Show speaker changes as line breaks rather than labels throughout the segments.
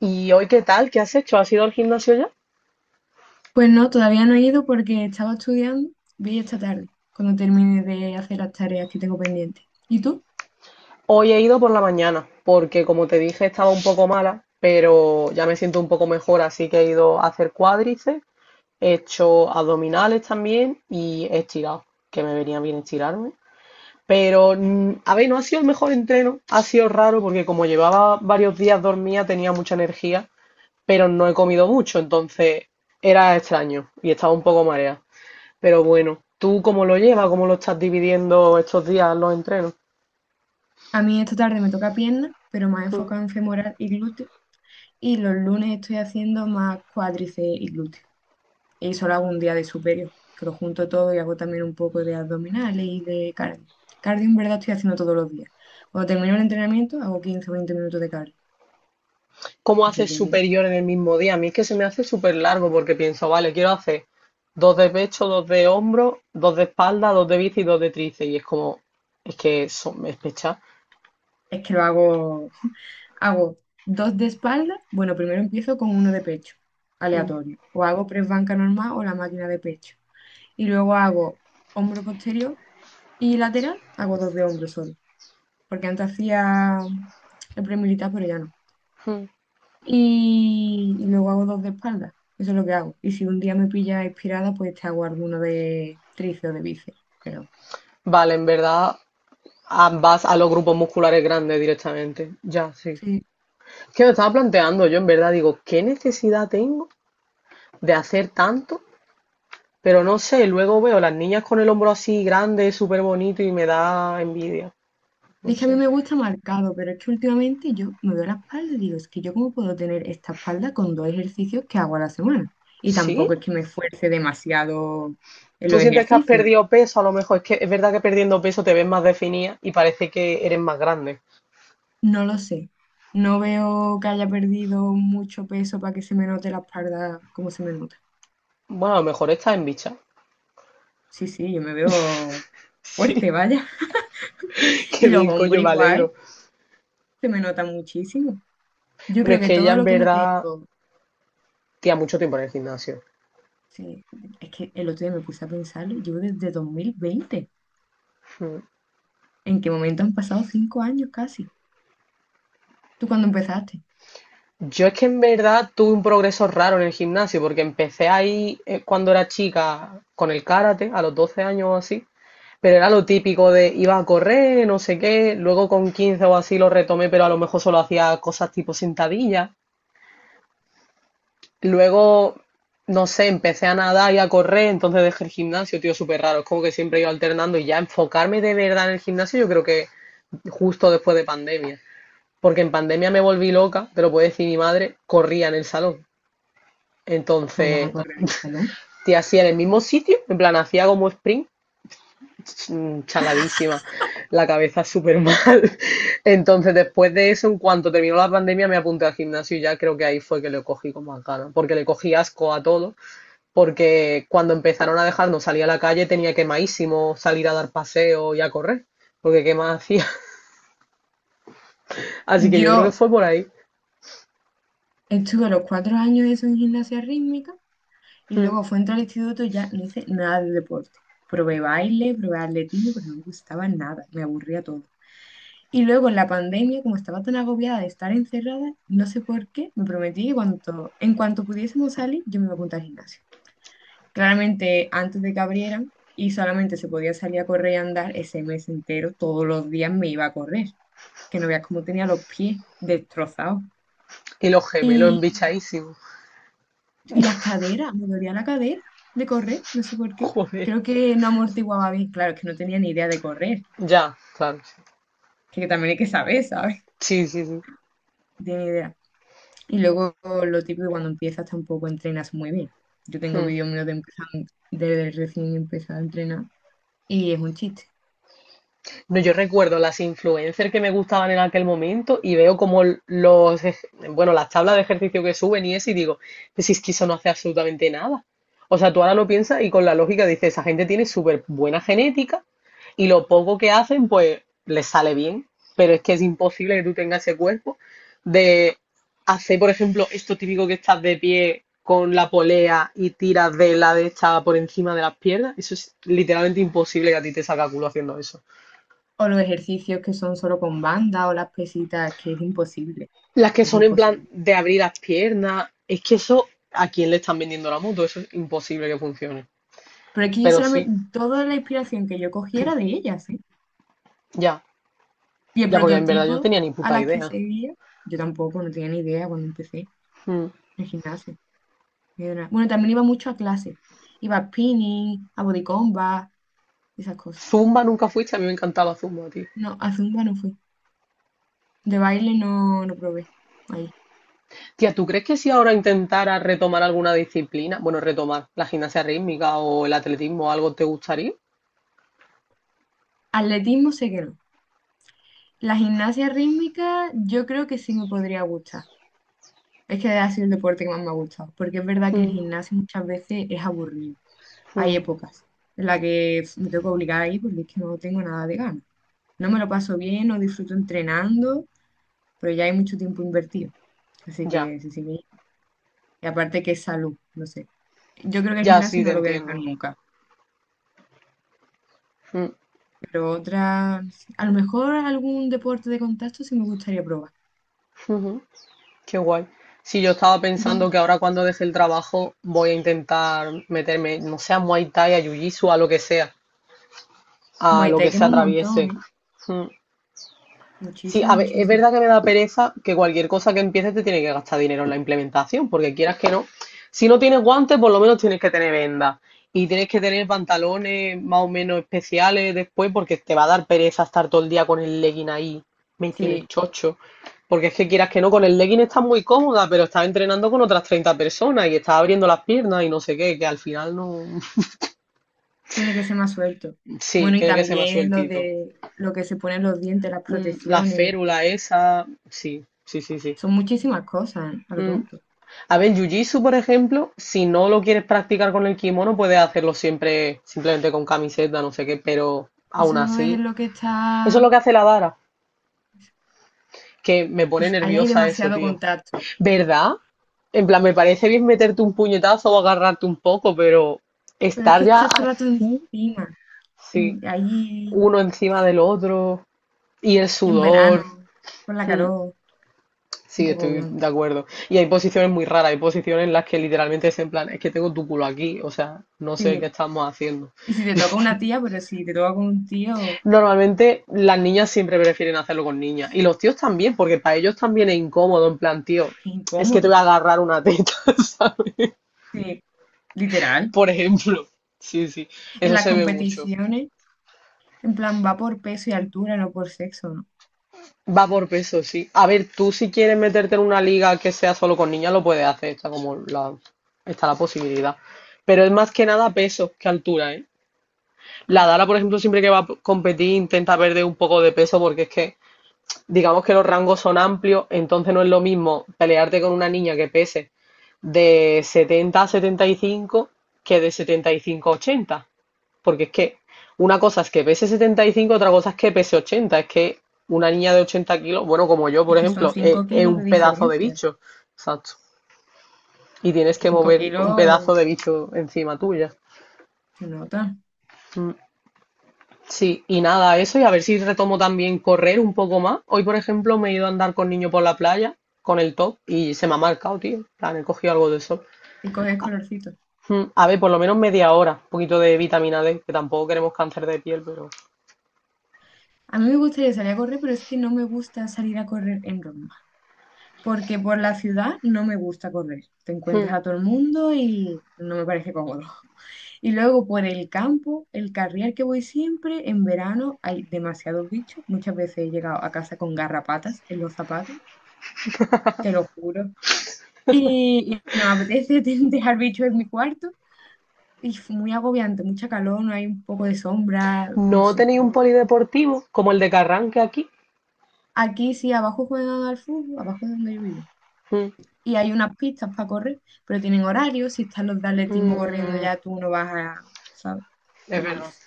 ¿Y hoy qué tal? ¿Qué has hecho? ¿Has ido al gimnasio ya?
Pues no, todavía no he ido porque estaba estudiando, voy esta tarde, cuando termine de hacer las tareas que tengo pendientes. ¿Y tú?
Hoy he ido por la mañana, porque como te dije estaba un poco mala, pero ya me siento un poco mejor, así que he ido a hacer cuádriceps, he hecho abdominales también y he estirado, que me venía bien estirarme. Pero, a ver, no ha sido el mejor entreno, ha sido raro porque como llevaba varios días dormida tenía mucha energía, pero no he comido mucho, entonces era extraño y estaba un poco mareada. Pero bueno, ¿tú cómo lo llevas? ¿Cómo lo estás dividiendo estos días los entrenos?
A mí esta tarde me toca pierna, pero más
Mm.
enfocado en femoral y glúteo, y los lunes estoy haciendo más cuádriceps y glúteo. Y solo hago un día de superior, que lo junto todo y hago también un poco de abdominales y de cardio. Cardio en verdad estoy haciendo todos los días. Cuando termino el entrenamiento hago 15 o 20 minutos de cardio,
¿Cómo
así
haces
que
superior en el mismo día? A mí es que se me hace súper largo porque pienso, vale, quiero hacer dos de pecho, dos de hombro, dos de espalda, dos de bici y dos de tríceps. Y es como, es pecha.
es que lo hago Hago dos de espalda. Bueno, primero empiezo con uno de pecho,
Mm.
aleatorio. O hago press banca normal o la máquina de pecho. Y luego hago hombro posterior y lateral. Hago dos de hombro solo. Porque antes hacía el pre militar, pero ya no.
Mm.
Y luego hago dos de espalda. Eso es lo que hago. Y si un día me pilla inspirada, pues te hago alguno de tríceps o de bíceps. Pero
Vale, en verdad ah, vas a los grupos musculares grandes directamente. Ya, sí.
sí,
Es que me estaba planteando, yo en verdad digo, ¿qué necesidad tengo de hacer tanto? Pero no sé, luego veo las niñas con el hombro así grande, súper bonito y me da envidia. No
es que a mí
sé.
me gusta marcado, pero es que últimamente yo me veo la espalda y digo, es que yo cómo puedo tener esta espalda con dos ejercicios que hago a la semana. Y
¿Sí?
tampoco es que me esfuerce demasiado en
¿Tú
los
sientes que has
ejercicios.
perdido peso? A lo mejor es que es verdad que perdiendo peso te ves más definida y parece que eres más grande.
No lo sé. No veo que haya perdido mucho peso para que se me note la espalda como se me nota.
Bueno, a lo mejor estás en bicha.
Sí, sí, yo me veo
Sí,
fuerte, vaya.
qué
Y los
bien,
hombros
coño, me
igual,
alegro.
se me nota muchísimo. Yo
Bueno,
creo
es
que
que ella
todo
en
lo que no
verdad
tengo,
tía mucho tiempo en el gimnasio.
sí, es que el otro día me puse a pensarlo, yo desde 2020.
Mm.
¿En qué momento han pasado 5 años casi? ¿Tú cuándo empezaste?
Yo es que en verdad tuve un progreso raro en el gimnasio, porque empecé ahí cuando era chica con el karate, a los 12 años o así, pero era lo típico de iba a correr, no sé qué, luego con 15 o así lo retomé, pero a lo mejor solo hacía cosas tipo sentadillas. Luego, no sé, empecé a nadar y a correr, entonces dejé el gimnasio, tío, súper raro, es como que siempre iba alternando y ya enfocarme de verdad en el gimnasio yo creo que justo después de pandemia, porque en pandemia me volví loca, te lo puede decir mi madre, corría en el salón.
Pues vas a
Entonces,
correr en el salón.
te hacía en el mismo sitio, en plan, hacía como sprint, chaladísima, la cabeza súper mal. Entonces, después de eso, en cuanto terminó la pandemia, me apunté al gimnasio y ya creo que ahí fue que le cogí con más ganas, porque le cogí asco a todo, porque cuando empezaron a dejarnos salir a la calle tenía quemadísimo salir a dar paseo y a correr, porque qué más hacía. Así que yo creo que
Yo
fue por ahí.
estuve los 4 años eso en gimnasia rítmica y
Mm.
luego fue entrar al instituto y ya no hice nada de deporte. Probé baile, probé atletismo, pero no me gustaba nada, me aburría todo. Y luego en la pandemia, como estaba tan agobiada de estar encerrada, no sé por qué, me prometí que cuanto, en cuanto pudiésemos salir, yo me iba a apuntar al gimnasio. Claramente antes de que abrieran y solamente se podía salir a correr y andar ese mes entero, todos los días me iba a correr, que no veas cómo tenía los pies destrozados.
Y los gemelos
Y,
embichadísimos.
y las caderas, me dolía la cadera de correr, no sé por qué.
Joder.
Creo que no amortiguaba bien, claro, es que no tenía ni idea de correr,
Ya, claro.
que también hay que saber, ¿sabes?
Sí, sí, sí,
No tenía ni idea. Y luego lo típico, cuando empiezas tampoco entrenas muy bien. Yo
sí.
tengo
Mm.
vídeos míos de empezando, desde recién empezar a entrenar y es un chiste.
No, yo recuerdo las influencers que me gustaban en aquel momento y veo como los, bueno, las tablas de ejercicio que suben y eso y digo, pues si es que eso no hace absolutamente nada. O sea, tú ahora lo piensas y con la lógica dices, esa gente tiene súper buena genética y lo poco que hacen, pues les sale bien. Pero es que es imposible que tú tengas ese cuerpo de hacer, por ejemplo, esto típico que estás de pie con la polea y tiras de la de esta por encima de las piernas. Eso es literalmente imposible que a ti te salga culo haciendo eso.
O los ejercicios que son solo con banda o las pesitas, que es imposible,
Las que
es
son en plan
imposible.
de abrir las piernas, es que eso, ¿a quién le están vendiendo la moto? Eso es imposible que funcione.
Pero es que yo
Pero sí,
solamente, toda la inspiración que yo cogiera de ellas, ¿eh?
ya,
Y el
ya, porque en verdad yo no
prototipo
tenía ni
a
puta
las que
idea.
seguía, yo tampoco, no tenía ni idea cuando empecé
Mm.
en el gimnasio. Ni de nada. Bueno, también iba mucho a clase. Iba a spinning, a body combat, esas cosas.
Zumba nunca fuiste, a mí me encantaba Zumba, tío.
No, a zumba no fui. De baile no, no probé. Ahí.
Tía, ¿tú crees que si ahora intentara retomar alguna disciplina, bueno, retomar la gimnasia rítmica o el atletismo o algo, te gustaría?
Atletismo sé que no. La gimnasia rítmica yo creo que sí me podría gustar. Es que ha sido el deporte que más me ha gustado, porque es verdad que el
Mm,
gimnasio muchas veces es aburrido. Hay
mm,
épocas en las que pf, me tengo que obligar ahí porque es que no tengo nada de ganas. No me lo paso bien, no disfruto entrenando, pero ya hay mucho tiempo invertido. Así
ya,
que sí, sí. Y aparte que es salud, no sé. Yo creo que el
ya,
gimnasio
sí, te
no lo voy a dejar
entiendo.
nunca,
Mm,
pero otra, no sé, a lo mejor algún deporte de contacto sí me gustaría probar.
ujú. Qué guay. Sí, yo estaba
Yo
pensando que
cuando
ahora cuando deje el trabajo voy a intentar meterme, no sé a Muay Thai, a Jiu-Jitsu, a lo que sea, a
Muay
lo
Thai
que se
quema un montón,
atraviese.
¿eh?
Mm. Sí,
Muchísimo,
a ver, es
muchísimo.
verdad que me da pereza que cualquier cosa que empieces te tiene que gastar dinero en la implementación, porque quieras que no. Si no tienes guantes, por lo menos tienes que tener vendas y tienes que tener pantalones más o menos especiales después, porque te va a dar pereza estar todo el día con el legging ahí metido en el
Sí,
chocho. Porque es que quieras que no, con el legging estás muy cómoda, pero estás entrenando con otras 30 personas y estás abriendo las piernas y no sé qué, que al final no.
tiene que ser más suelto.
Sí,
Bueno, y
tiene que ser más
también lo
sueltito.
de lo que se ponen los dientes, las
Mm, la
protecciones,
férula esa, sí, sí, sí, sí.
son muchísimas cosas, ¿eh? A lo
Mm,
tonto.
a ver, jiu-jitsu, por ejemplo, si no lo quieres practicar con el kimono, puedes hacerlo siempre simplemente con camiseta, no sé qué, pero aún
Eso es
así.
lo que
Eso es
está.
lo que hace la Dara, que me pone
Pues ahí hay
nerviosa eso,
demasiado
tío.
contacto.
¿Verdad? En plan, me parece bien meterte un puñetazo o agarrarte un poco, pero
Pero es
estar
que
ya
estás todo el rato
así,
encima,
sí,
ahí
uno encima del otro y el
en
sudor.
verano, con la
Mm.
calor, un
Sí,
poco
estoy
obviante.
de acuerdo. Y hay posiciones muy raras, hay posiciones en las que literalmente es en plan, es que tengo tu culo aquí, o sea, no sé qué
Sí.
estamos haciendo.
Y si te toca una tía, pero si te toca con un tío,
Normalmente las niñas siempre prefieren hacerlo con niñas, y los tíos también, porque para ellos también es incómodo, en plan, tío,
es que es
es que te voy
incómodo.
a agarrar una teta, ¿sabes?
Sí, literal.
Por ejemplo. Sí, sí,
En
eso
las
se ve mucho.
competiciones, en plan, va por peso y altura, no por sexo, ¿no?
Va por peso, sí. A ver, tú si quieres meterte en una liga que sea solo con niñas, lo puedes hacer, está como la, está la posibilidad. Pero es más que nada peso que altura, ¿eh? La Dala, por ejemplo, siempre que va a competir intenta perder un poco de peso porque es que digamos que los rangos son amplios, entonces no es lo mismo pelearte con una niña que pese de 70 a 75 que de 75 a 80. Porque es que una cosa es que pese 75, otra cosa es que pese 80. Es que una niña de 80 kilos, bueno, como yo,
Es
por
que son
ejemplo,
5
es
kilos de
un pedazo de
diferencia.
bicho. Exacto. Y tienes
Que
que
5
mover un pedazo
kilos
de bicho encima tuya.
se nota.
Mm. Sí, y nada, eso, y a ver si retomo también correr un poco más. Hoy, por ejemplo, me he ido a andar con niño por la playa, con el top, y se me ha marcado, tío. En plan, he cogido algo de sol.
Y coges colorcito.
Mm, a ver, por lo menos media hora, un poquito de vitamina D, que tampoco queremos cáncer de piel, pero...
A mí me gustaría salir a correr, pero es que no me gusta salir a correr en Roma. Porque por la ciudad no me gusta correr. Te encuentras
Mm.
a todo el mundo y no me parece cómodo. Y luego por el campo, el carrial que voy siempre, en verano hay demasiados bichos. Muchas veces he llegado a casa con garrapatas en los zapatos, te lo juro. Y no me apetece dejar bichos en mi cuarto. Y fue muy agobiante, mucha calor, no hay un poco de sombra, no
¿No
sé.
tenéis un polideportivo como el de Carranque aquí?
Aquí sí, abajo juegan al fútbol, abajo es donde yo vivo.
Mm,
Y hay unas pistas para correr, pero tienen horario, si están los de atletismo corriendo
mm,
ya tú no vas a, ¿sabes?
es
Y
verdad.
f,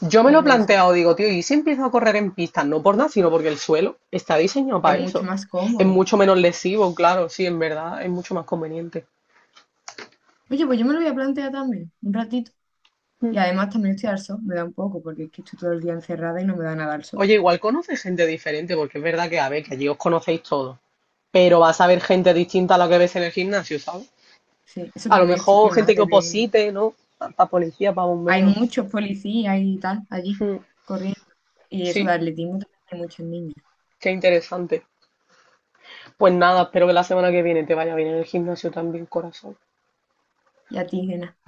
Yo me lo
no
he
me
planteado, digo, tío, ¿y si empiezo a correr en pistas? No por nada, sino porque el suelo está diseñado
Es
para
mucho
eso.
más
Es
cómodo.
mucho menos lesivo, claro, sí, en verdad, es mucho más conveniente.
Oye, pues yo me lo voy a plantear también, un ratito. Y
Mm.
además también estoy al sol, me da un poco, porque es que estoy todo el día encerrada y no me da nada al sol.
Oye, igual conoces gente diferente, porque es verdad que, a ver, que allí os conocéis todos, pero vas a ver gente distinta a la que ves en el gimnasio, ¿sabes?
Sí, eso
A lo
también estoy
mejor
quemada
gente que
de ver.
oposite, ¿no? Para policía, para
Hay
bomberos.
muchos policías y tal allí
Mm.
corriendo. Y eso de
Sí,
atletismo también hay muchos niños.
qué interesante. Pues nada, espero que la semana que viene te vaya bien en el gimnasio también, corazón.
Y a ti, Gena.